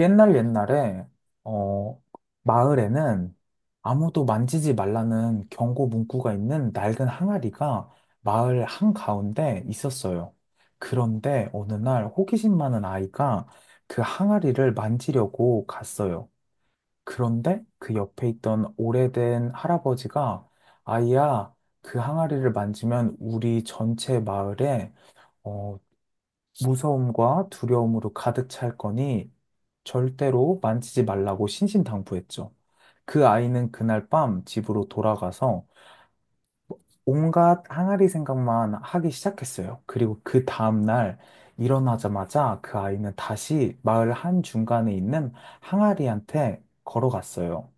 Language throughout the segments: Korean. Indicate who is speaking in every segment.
Speaker 1: 옛날 옛날에 어 마을에는 아무도 만지지 말라는 경고 문구가 있는 낡은 항아리가 마을 한가운데 있었어요. 그런데 어느 날 호기심 많은 아이가 그 항아리를 만지려고 갔어요. 그런데 그 옆에 있던 오래된 할아버지가 아이야, 그 항아리를 만지면 우리 전체 마을에 어, 무서움과 두려움으로 가득 찰 거니 절대로 만지지 말라고 신신당부했죠. 그 아이는 그날 밤 집으로 돌아가서 온갖 항아리 생각만 하기 시작했어요. 그리고 그 다음날 일어나자마자 그 아이는 다시 마을 한중간에 있는 항아리한테 걸어갔어요.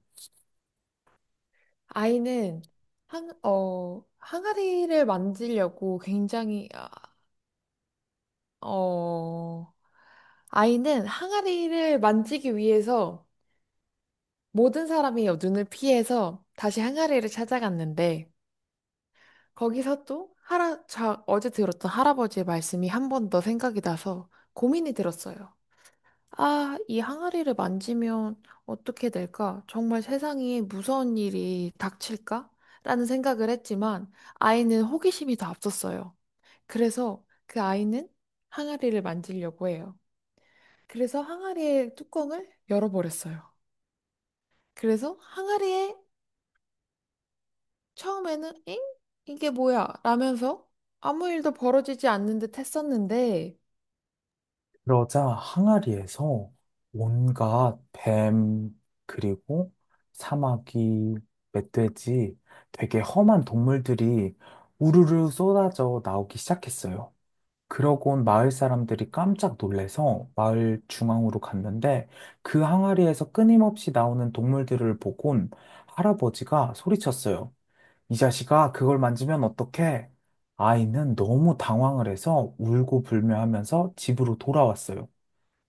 Speaker 2: 아이는 항아리를 만지려고 어, 아이는 항아리를 만지기 위해서 모든 사람이 눈을 피해서 다시 항아리를 찾아갔는데, 거기서 또 어제 들었던 할아버지의 말씀이 한 번 더 생각이 나서 고민이 들었어요. 아, 이 항아리를 만지면 어떻게 될까? 정말 세상에 무서운 일이 닥칠까? 라는 생각을 했지만 아이는 호기심이 더 앞섰어요. 그래서 그 아이는 항아리를 만지려고 해요. 그래서 항아리의 뚜껑을 열어버렸어요. 그래서 항아리에 처음에는 엥? 이게 뭐야? 라면서 아무 일도 벌어지지 않는 듯 했었는데
Speaker 1: 그러자 항아리에서 온갖 뱀, 그리고 사마귀, 멧돼지, 되게 험한 동물들이 우르르 쏟아져 나오기 시작했어요. 그러고 온 마을 사람들이 깜짝 놀래서 마을 중앙으로 갔는데 그 항아리에서 끊임없이 나오는 동물들을 보곤 할아버지가 소리쳤어요. 이 자식아, 그걸 만지면 어떡해? 아이는 너무 당황을 해서 울고 불며 하면서 집으로 돌아왔어요.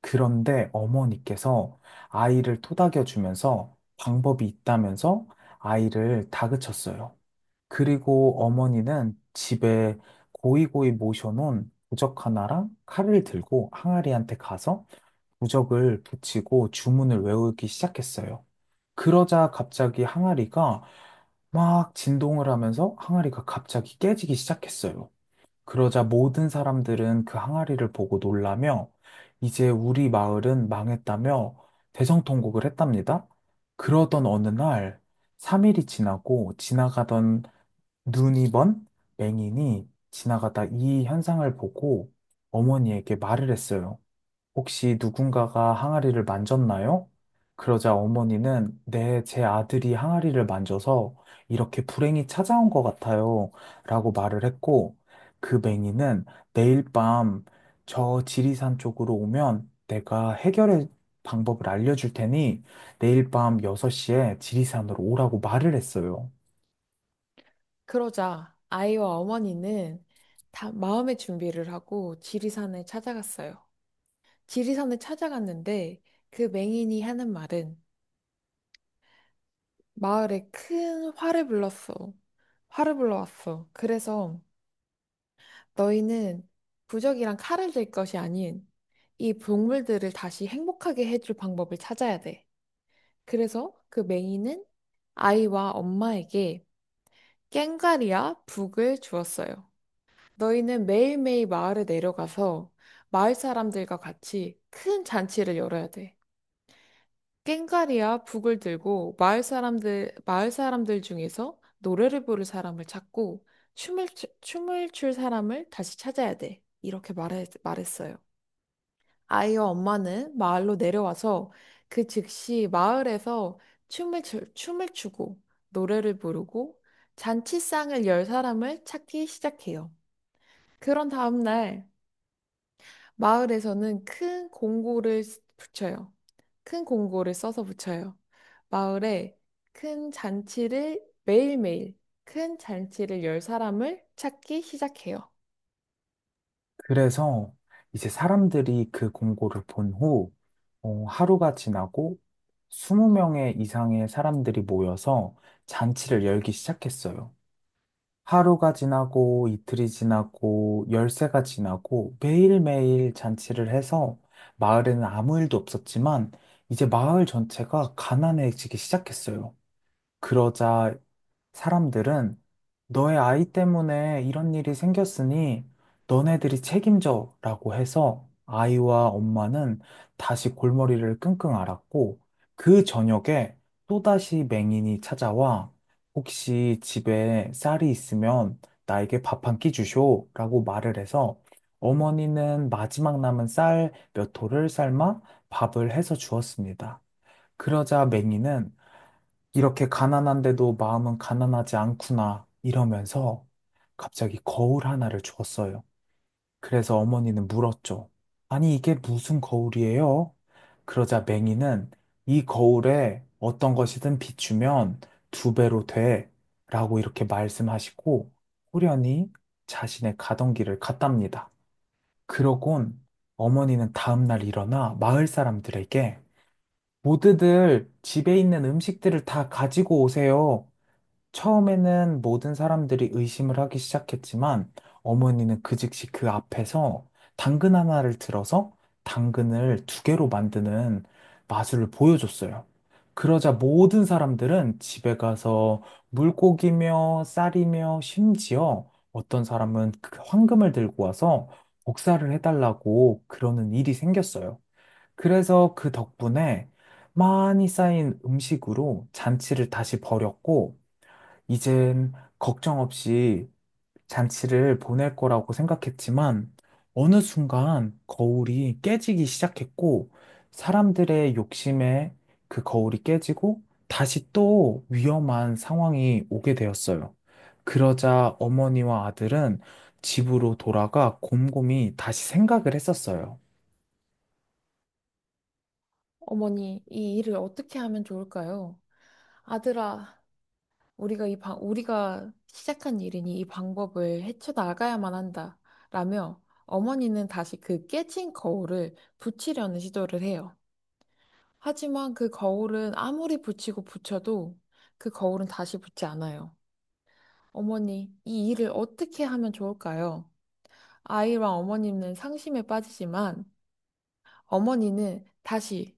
Speaker 1: 그런데 어머니께서 아이를 토닥여 주면서 방법이 있다면서 아이를 다그쳤어요. 그리고 어머니는 집에 고이고이 모셔놓은 부적 하나랑 칼을 들고 항아리한테 가서 부적을 붙이고 주문을 외우기 시작했어요. 그러자 갑자기 항아리가 막 진동을 하면서 항아리가 갑자기 깨지기 시작했어요. 그러자 모든 사람들은 그 항아리를 보고 놀라며 이제 우리 마을은 망했다며 대성통곡을 했답니다. 그러던 어느 날 3일이 지나고 지나가던 눈이 먼 맹인이 지나가다 이 현상을 보고 어머니에게 말을 했어요. 혹시 누군가가 항아리를 만졌나요? 그러자 어머니는 네, 제 아들이 항아리를 만져서 이렇게 불행이 찾아온 것 같아요. 라고 말을 했고, 그 맹인은 내일 밤 저 지리산 쪽으로 오면 내가 해결의 방법을 알려줄 테니 내일 밤 6시에 지리산으로 오라고 말을 했어요.
Speaker 2: 그러자 아이와 어머니는 다 마음의 준비를 하고 지리산을 찾아갔어요. 지리산을 찾아갔는데 그 맹인이 하는 말은 마을에 큰 화를 불렀어. 화를 불러왔어. 그래서 너희는 부적이랑 칼을 들 것이 아닌 이 동물들을 다시 행복하게 해줄 방법을 찾아야 돼. 그래서 그 맹인은 아이와 엄마에게 꽹과리와 북을 주었어요. 너희는 매일매일 마을에 내려가서 마을 사람들과 같이 큰 잔치를 열어야 돼. 꽹과리와 북을 들고 마을 사람들 중에서 노래를 부를 사람을 찾고 춤을, 춤을 출 사람을 다시 찾아야 돼. 이렇게 말했어요. 아이와 엄마는 마을로 내려와서 그 즉시 마을에서 춤을, 춤을 추고 노래를 부르고 잔치상을 열 사람을 찾기 시작해요. 그런 다음날 마을에서는 큰 공고를 붙여요. 큰 공고를 써서 붙여요. 마을에 큰 잔치를 매일매일 큰 잔치를 열 사람을 찾기 시작해요.
Speaker 1: 그래서 이제 사람들이 그 공고를 본 후, 하루가 지나고 20명의 이상의 사람들이 모여서 잔치를 열기 시작했어요. 하루가 지나고 이틀이 지나고 열세가 지나고 매일매일 잔치를 해서 마을에는 아무 일도 없었지만 이제 마을 전체가 가난해지기 시작했어요. 그러자 사람들은 너의 아이 때문에 이런 일이 생겼으니 너네들이 책임져 라고 해서 아이와 엄마는 다시 골머리를 끙끙 앓았고 그 저녁에 또다시 맹인이 찾아와 혹시 집에 쌀이 있으면 나에게 밥 한 끼 주쇼 라고 말을 해서 어머니는 마지막 남은 쌀 몇 토를 삶아 밥을 해서 주었습니다. 그러자 맹인은 이렇게 가난한데도 마음은 가난하지 않구나 이러면서 갑자기 거울 하나를 주었어요. 그래서 어머니는 물었죠. 아니, 이게 무슨 거울이에요? 그러자 맹이는 이 거울에 어떤 것이든 비추면 두 배로 돼 라고 이렇게 말씀하시고 호련히 자신의 가던 길을 갔답니다. 그러곤 어머니는 다음날 일어나 마을 사람들에게 모두들 집에 있는 음식들을 다 가지고 오세요. 처음에는 모든 사람들이 의심을 하기 시작했지만 어머니는 그 즉시 그 앞에서 당근 하나를 들어서 당근을 두 개로 만드는 마술을 보여줬어요. 그러자 모든 사람들은 집에 가서 물고기며 쌀이며 심지어 어떤 사람은 그 황금을 들고 와서 복사를 해달라고 그러는 일이 생겼어요. 그래서 그 덕분에 많이 쌓인 음식으로 잔치를 다시 벌였고 이젠 걱정 없이 잔치를 보낼 거라고 생각했지만 어느 순간 거울이 깨지기 시작했고 사람들의 욕심에 그 거울이 깨지고 다시 또 위험한 상황이 오게 되었어요. 그러자 어머니와 아들은 집으로 돌아가 곰곰이 다시 생각을 했었어요.
Speaker 2: 어머니, 이 일을 어떻게 하면 좋을까요? 아들아, 우리가 우리가 시작한 일이니 이 방법을 헤쳐나가야만 한다. 라며 어머니는 다시 그 깨진 거울을 붙이려는 시도를 해요. 하지만 그 거울은 아무리 붙이고 붙여도 그 거울은 다시 붙지 않아요. 어머니, 이 일을 어떻게 하면 좋을까요? 아이와 어머니는 상심에 빠지지만 어머니는 다시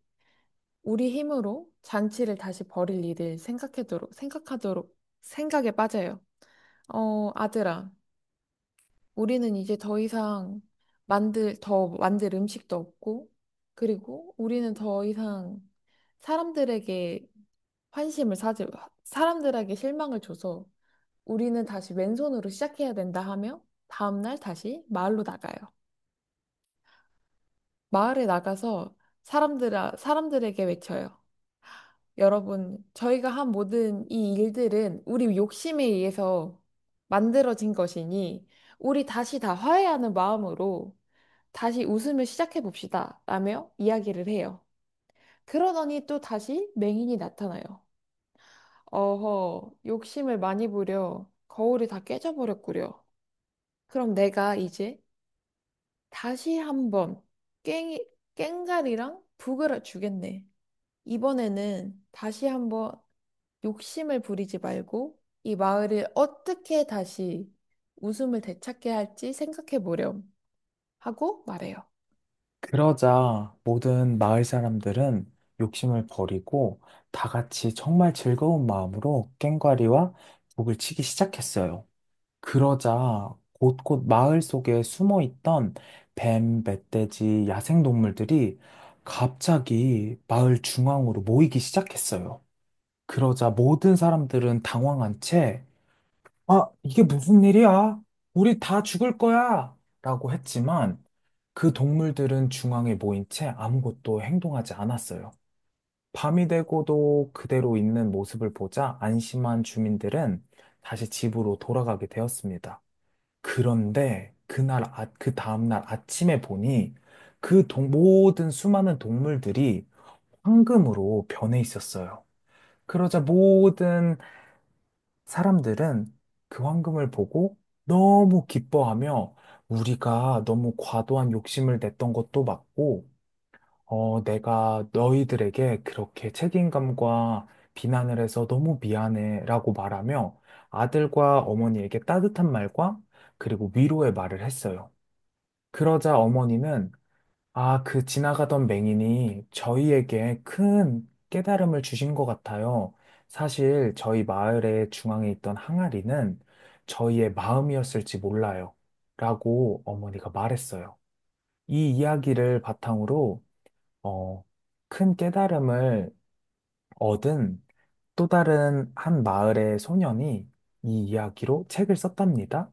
Speaker 2: 우리 힘으로 잔치를 다시 벌일 일을 생각하도록, 생각에 빠져요. 아들아. 우리는 이제 더 이상 더 만들 음식도 없고, 그리고 우리는 더 이상 사람들에게 환심을 사지, 사람들에게 실망을 줘서 우리는 다시 왼손으로 시작해야 된다 하며 다음날 다시 마을로 나가요. 마을에 나가서 사람들, 사람들에게 외쳐요. 여러분, 저희가 한 모든 이 일들은 우리 욕심에 의해서 만들어진 것이니 우리 다시 다 화해하는 마음으로 다시 웃음을 시작해 봅시다. 라며 이야기를 해요. 그러더니 또 다시 맹인이 나타나요. 어허, 욕심을 많이 부려. 거울이 다 깨져버렸구려. 그럼 내가 이제 다시 한번 깽이, 깽가리랑 북을 주겠네. 이번에는 다시 한번 욕심을 부리지 말고 이 마을을 어떻게 다시 웃음을 되찾게 할지 생각해 보렴. 하고 말해요.
Speaker 1: 그러자 모든 마을 사람들은 욕심을 버리고 다 같이 정말 즐거운 마음으로 꽹과리와 북을 치기 시작했어요. 그러자 곳곳 마을 속에 숨어 있던 뱀, 멧돼지, 야생동물들이 갑자기 마을 중앙으로 모이기 시작했어요. 그러자 모든 사람들은 당황한 채, 아, 이게 무슨 일이야? 우리 다 죽을 거야! 라고 했지만, 그 동물들은 중앙에 모인 채 아무것도 행동하지 않았어요. 밤이 되고도 그대로 있는 모습을 보자 안심한 주민들은 다시 집으로 돌아가게 되었습니다. 그런데 그날, 아, 그 다음날 아침에 보니 모든 수많은 동물들이 황금으로 변해 있었어요. 그러자 모든 사람들은 그 황금을 보고 너무 기뻐하며 우리가 너무 과도한 욕심을 냈던 것도 맞고 내가 너희들에게 그렇게 책임감과 비난을 해서 너무 미안해라고 말하며 아들과 어머니에게 따뜻한 말과 그리고 위로의 말을 했어요. 그러자 어머니는 아, 그 지나가던 맹인이 저희에게 큰 깨달음을 주신 것 같아요. 사실 저희 마을의 중앙에 있던 항아리는 저희의 마음이었을지 몰라요. 라고 어머니가 말했어요. 이 이야기를 바탕으로 어, 큰 깨달음을 얻은 또 다른 한 마을의 소년이 이 이야기로 책을 썼답니다.